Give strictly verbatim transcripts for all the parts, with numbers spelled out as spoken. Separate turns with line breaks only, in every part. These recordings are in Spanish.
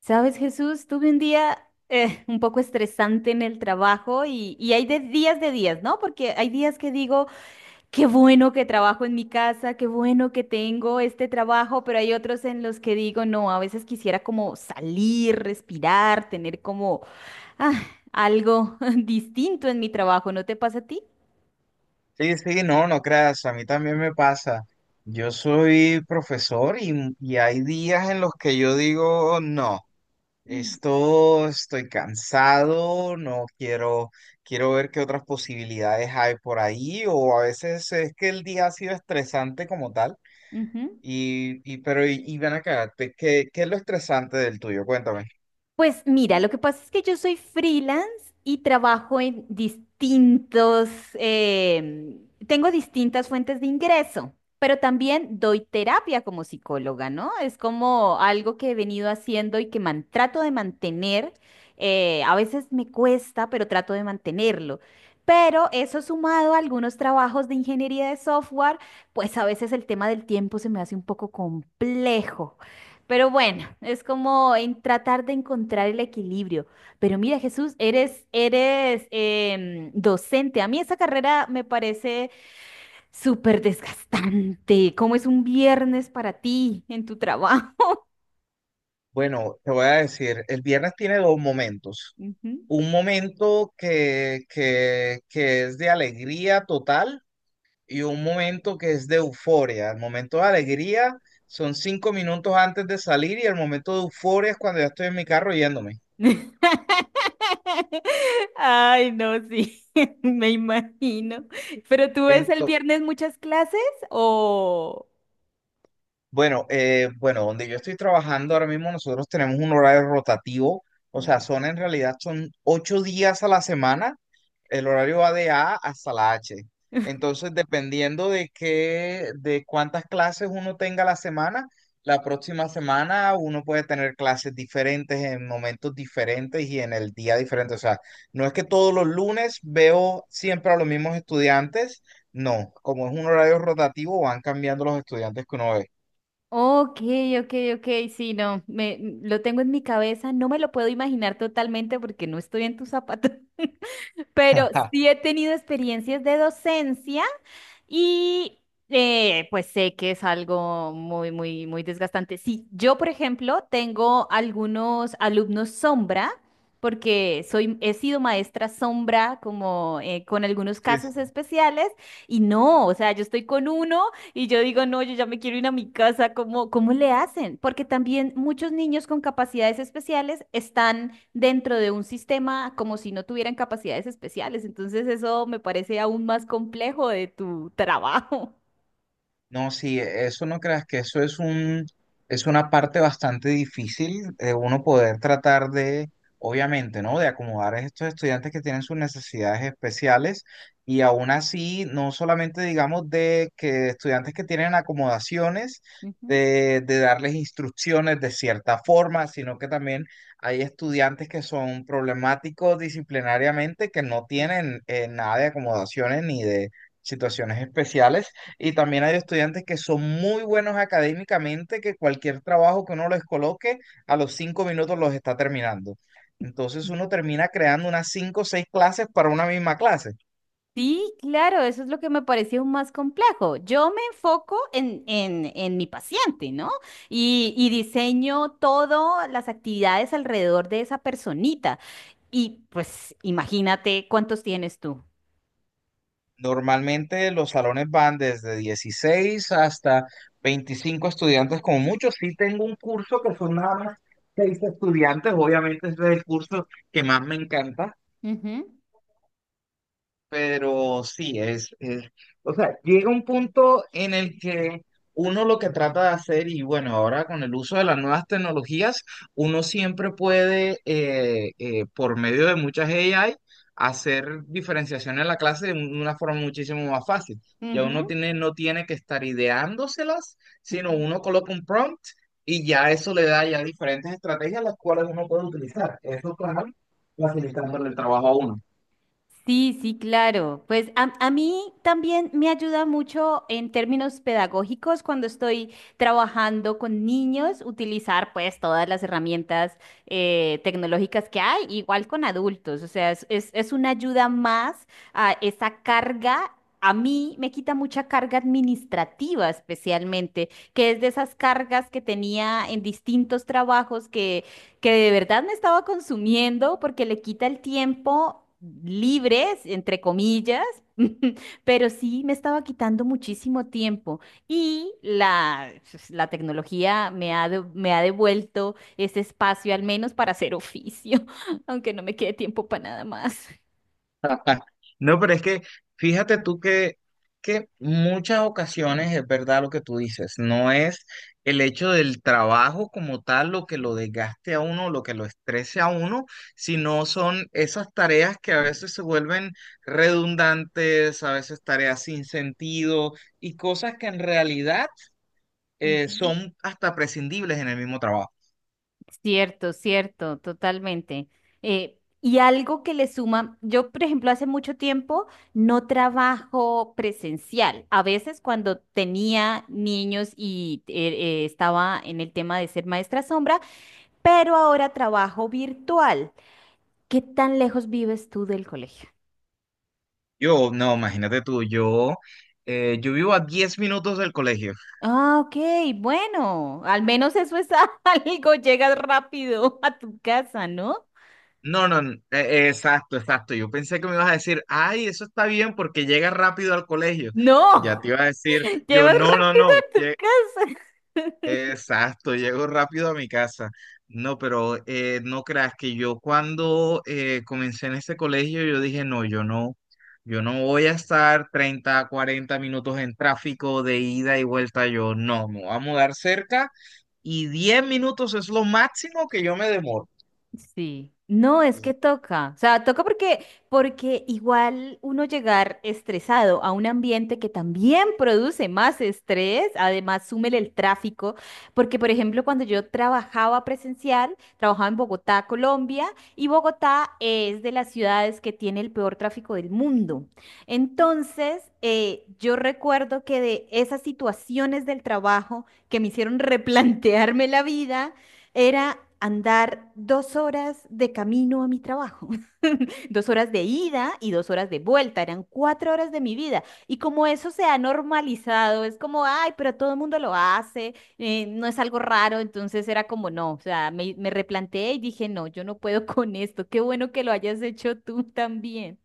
Sabes, Jesús, tuve un día eh, un poco estresante en el trabajo y, y hay de días de días, ¿no? Porque hay días que digo, qué bueno que trabajo en mi casa, qué bueno que tengo este trabajo, pero hay otros en los que digo, no, a veces quisiera como salir, respirar, tener como ah, algo distinto en mi trabajo, ¿no te pasa a ti?
Sí, sí, no, no creas, a mí también me pasa. Yo soy profesor y, y hay días en los que yo digo, no, esto estoy cansado, no quiero, quiero ver qué otras posibilidades hay por ahí, o a veces es que el día ha sido estresante como tal.
Ujú.
Y, y pero, y, y ven acá. Te- ¿qué, qué es lo estresante del tuyo? Cuéntame.
Pues mira, lo que pasa es que yo soy freelance y trabajo en distintos, em, tengo distintas fuentes de ingreso, pero también doy terapia como psicóloga, ¿no? Es como algo que he venido haciendo y que man- trato de mantener. Eh, a veces me cuesta, pero trato de mantenerlo. Pero eso sumado a algunos trabajos de ingeniería de software, pues a veces el tema del tiempo se me hace un poco complejo. Pero bueno, es como en tratar de encontrar el equilibrio. Pero mira, Jesús, eres, eres em, docente. A mí esa carrera me parece súper desgastante. ¿Cómo es un viernes para ti en tu trabajo?
Bueno, te voy a decir, el viernes tiene dos momentos.
Ujú.
Un momento que, que, que es de alegría total y un momento que es de euforia. El momento de alegría son cinco minutos antes de salir, y el momento de euforia es cuando ya estoy en mi carro yéndome.
Ay, no, sí, me imagino. ¿Pero tú ves el
Ento-
viernes muchas clases o?
bueno, eh, bueno, donde yo estoy trabajando ahora mismo nosotros tenemos un horario rotativo. O sea, son en realidad son ocho días a la semana. El horario va de A hasta la hache. Entonces, dependiendo de qué, de cuántas clases uno tenga la semana, la próxima semana uno puede tener clases diferentes en momentos diferentes y en el día diferente. O sea, no es que todos los lunes veo siempre a los mismos estudiantes. No, como es un horario rotativo, van cambiando los estudiantes que uno ve.
Ok, ok, ok, sí, no, me, m- lo tengo en mi cabeza, no me lo puedo imaginar totalmente porque no estoy en tus zapatos, pero sí he tenido experiencias de docencia y eh, pues sé que es algo muy, muy, muy desgastante. Sí, yo, por ejemplo, tengo algunos alumnos sombra, porque soy, he sido maestra sombra como eh, con algunos
Sí,
casos
sí.
especiales, y no, o sea, yo estoy con uno y yo digo, no, yo ya me quiero ir a mi casa, ¿cómo, cómo le hacen? Porque también muchos niños con capacidades especiales están dentro de un sistema como si no tuvieran capacidades especiales. Entonces eso me parece aún más complejo de tu trabajo.
No, sí, eso no creas que eso es un, es una parte bastante difícil de uno poder tratar de, obviamente, ¿no? De acomodar a estos estudiantes que tienen sus necesidades especiales, y aún así, no solamente digamos de que estudiantes que tienen acomodaciones,
Ujú.
de, de darles instrucciones de cierta forma, sino que también hay estudiantes que son problemáticos disciplinariamente, que no tienen eh, nada de acomodaciones ni de situaciones especiales, y también hay estudiantes que son muy buenos académicamente, que cualquier trabajo que uno les coloque, a los cinco minutos los está terminando. Entonces uno termina creando unas cinco o seis clases para una misma clase.
Sí, claro, eso es lo que me pareció más complejo. Yo me enfoco en, en, en mi paciente, ¿no? Y, y diseño todas las actividades alrededor de esa personita. Y pues imagínate cuántos tienes tú.
Normalmente los salones van desde dieciséis hasta veinticinco estudiantes, como mucho. Sí tengo un curso que son nada más seis estudiantes, obviamente ese es el curso que más me encanta.
Ujú,
Pero sí, es, es- o sea, llega un punto en el que uno lo que trata de hacer, y bueno, ahora con el uso de las nuevas tecnologías, uno siempre puede, eh, eh, por medio de muchas A I, hacer diferenciación en la clase de un- una forma muchísimo más fácil. Ya uno
ujú.
tiene, no tiene que estar ideándoselas, sino
Ujú.
uno coloca un prompt y ya eso le da ya diferentes estrategias las cuales uno puede utilizar. Eso, claro, facilitándole el trabajo a uno.
Sí, sí, claro. Pues a, a mí también me ayuda mucho en términos pedagógicos cuando estoy trabajando con niños, utilizar pues todas las herramientas eh, tecnológicas que hay, igual con adultos. O sea, es, es, es una ayuda más a esa carga. A mí me quita mucha carga administrativa especialmente, que es de esas cargas que tenía en distintos trabajos que que de verdad me estaba consumiendo porque le quita el tiempo libre, entre comillas, pero sí me estaba quitando muchísimo tiempo y la, pues, la tecnología me ha, de- me ha devuelto ese espacio al menos para hacer oficio, aunque no me quede tiempo para nada más.
No, pero es que fíjate tú que, que muchas ocasiones es verdad lo que tú dices, no es el hecho del trabajo como tal lo que lo desgaste a uno, lo que lo estrese a uno, sino son esas tareas que a veces se vuelven redundantes, a veces tareas sin sentido, y cosas que en realidad eh,
Ujú.
son hasta prescindibles en el mismo trabajo.
Cierto, cierto, totalmente. Eh, y algo que le suma, yo por ejemplo hace mucho tiempo no trabajo presencial. A veces cuando tenía niños y eh, eh, estaba en el tema de ser maestra sombra, pero ahora trabajo virtual. ¿Qué tan lejos vives tú del colegio?
Yo, no, imagínate tú, yo, eh, yo vivo a diez minutos del colegio.
Ah, ok, bueno, al menos eso es algo, llegas rápido a tu casa, ¿no?
No, no, n- e- exacto, exacto. Yo pensé que me ibas a decir, ay, eso está bien porque llega rápido al colegio. Ya te
No,
iba a decir, yo,
llevas
no, no,
rápido
no,
a tu
lle-
casa.
exacto, llego rápido a mi casa. No, pero eh, no creas que yo cuando eh, comencé en este colegio, yo dije, no, yo no, yo no voy a estar treinta, cuarenta minutos en tráfico de ida y vuelta. Yo, no, me voy a mudar cerca, y diez minutos es lo máximo que yo me demoro.
Sí, no, es que toca, o sea, toca porque, porque igual uno llegar estresado a un ambiente que también produce más estrés, además súmele el tráfico, porque por ejemplo cuando yo trabajaba presencial, trabajaba en Bogotá, Colombia, y Bogotá es de las ciudades que tiene el peor tráfico del mundo. Entonces, eh, yo recuerdo que de esas situaciones del trabajo que me hicieron replantearme la vida, era andar dos horas de camino a mi trabajo, dos horas de ida y dos horas de vuelta, eran cuatro horas de mi vida. Y como eso se ha normalizado, es como, ay, pero todo el mundo lo hace, eh, no es algo raro, entonces era como, no, o sea, me, me replanteé y dije, no, yo no puedo con esto, qué bueno que lo hayas hecho tú también.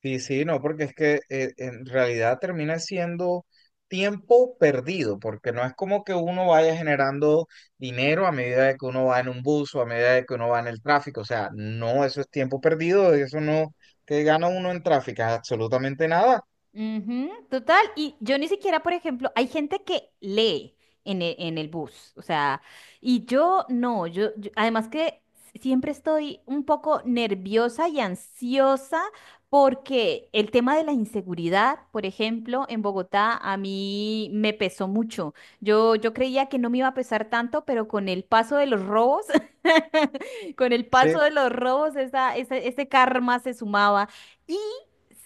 Sí, sí, no, porque es que eh, en realidad termina siendo tiempo perdido, porque no es como que uno vaya generando dinero a medida de que uno va en un bus o a medida de que uno va en el tráfico. O sea, no, eso es tiempo perdido, eso no, ¿que gana uno en tráfico? Absolutamente nada,
Ujú, total, y yo ni siquiera, por ejemplo, hay gente que lee en el, en el bus, o sea, y yo no, yo, yo- además que siempre estoy un poco nerviosa y ansiosa porque el tema de la inseguridad, por ejemplo, en Bogotá a mí me pesó mucho. Yo, yo creía que no me iba a pesar tanto, pero con el paso de los robos, con el paso
sí.
de los robos, esa, ese ese karma se sumaba.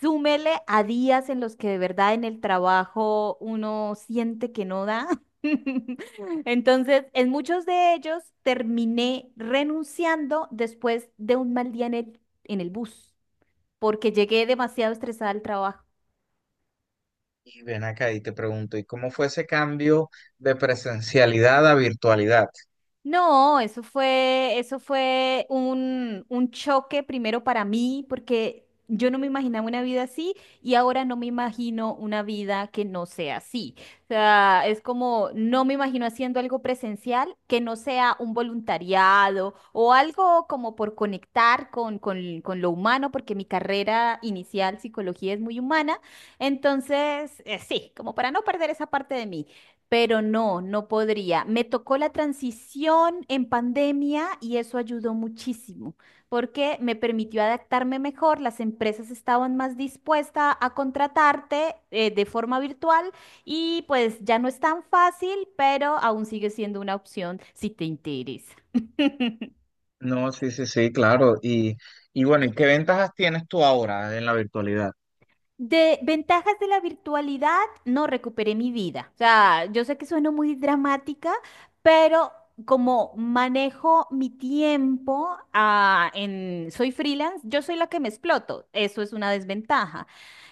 Súmele a días en los que de verdad en el trabajo uno siente que no da. Entonces, en muchos de ellos terminé renunciando después de un mal día en el, en el bus, porque llegué demasiado estresada al trabajo.
Y ven acá y te pregunto, ¿y cómo fue ese cambio de presencialidad a virtualidad?
No, eso fue, eso fue un, un choque primero para mí, porque yo no me imaginaba una vida así y ahora no me imagino una vida que no sea así. O sea, es como no me imagino haciendo algo presencial que no sea un voluntariado o algo como por conectar con, con, con lo humano, porque mi carrera inicial, psicología, es muy humana. Entonces, eh, sí, como para no perder esa parte de mí pero no, no podría. Me tocó la transición en pandemia y eso ayudó muchísimo porque me permitió adaptarme mejor, las empresas estaban más dispuestas a contratarte eh, de forma virtual y pues ya no es tan fácil, pero aún sigue siendo una opción si te interesa.
No, sí, sí, sí, claro. Y, y bueno, ¿y qué ventajas tienes tú ahora en la virtualidad?
De ventajas de la virtualidad, no recuperé mi vida. O sea, yo sé que sueno muy dramática, pero como manejo mi tiempo, ah, en, soy freelance, yo soy la que me exploto. Eso es una desventaja.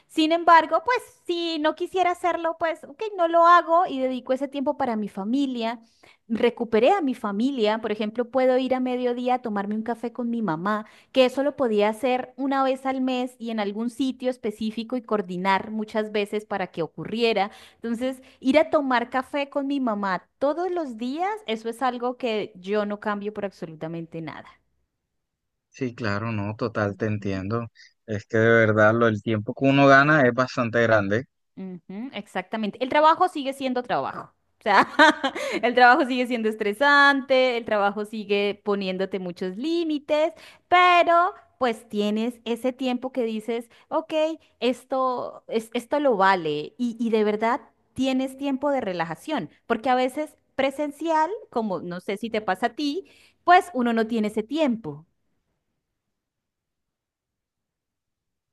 Sin embargo, pues si no quisiera hacerlo, pues ok, no lo hago y dedico ese tiempo para mi familia. Recuperé a mi familia. Por ejemplo, puedo ir a mediodía a tomarme un café con mi mamá que eso lo podía hacer una vez al mes y en algún sitio específico y coordinar muchas veces para que ocurriera. Entonces, ir a tomar café con mi mamá todos los días, eso es algo que yo no cambio por absolutamente nada.
Sí, claro, no, total, te entiendo. Es que de verdad lo, el tiempo que uno gana es bastante grande.
Ujú, exactamente. El trabajo sigue siendo trabajo. O sea, el trabajo sigue siendo estresante, el trabajo sigue poniéndote muchos límites, pero pues tienes ese tiempo que dices, ok, esto, es, esto lo vale y, y de verdad tienes tiempo de relajación, porque a veces presencial, como no sé si te pasa a ti, pues uno no tiene ese tiempo.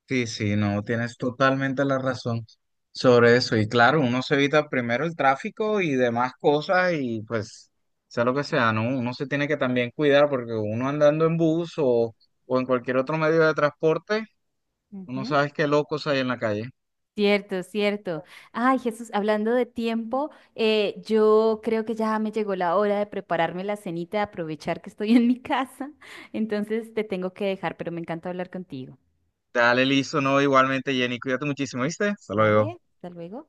Sí, sí, no, tienes totalmente la razón sobre eso. Y claro, uno se evita primero el tráfico y demás cosas, y pues, sea lo que sea, ¿no? Uno se tiene que también cuidar porque uno andando en bus o, o en cualquier otro medio de transporte, uno
Ujú.
sabes qué locos hay en la calle.
Cierto, cierto. Ay, Jesús, hablando de tiempo, eh, yo creo que ya me llegó la hora de prepararme la cenita, de aprovechar que estoy en mi casa. Entonces te tengo que dejar, pero me encanta hablar contigo.
Dale, listo, no, igualmente, Jenny, cuídate muchísimo, ¿viste? Hasta luego.
¿Vale? Hasta luego.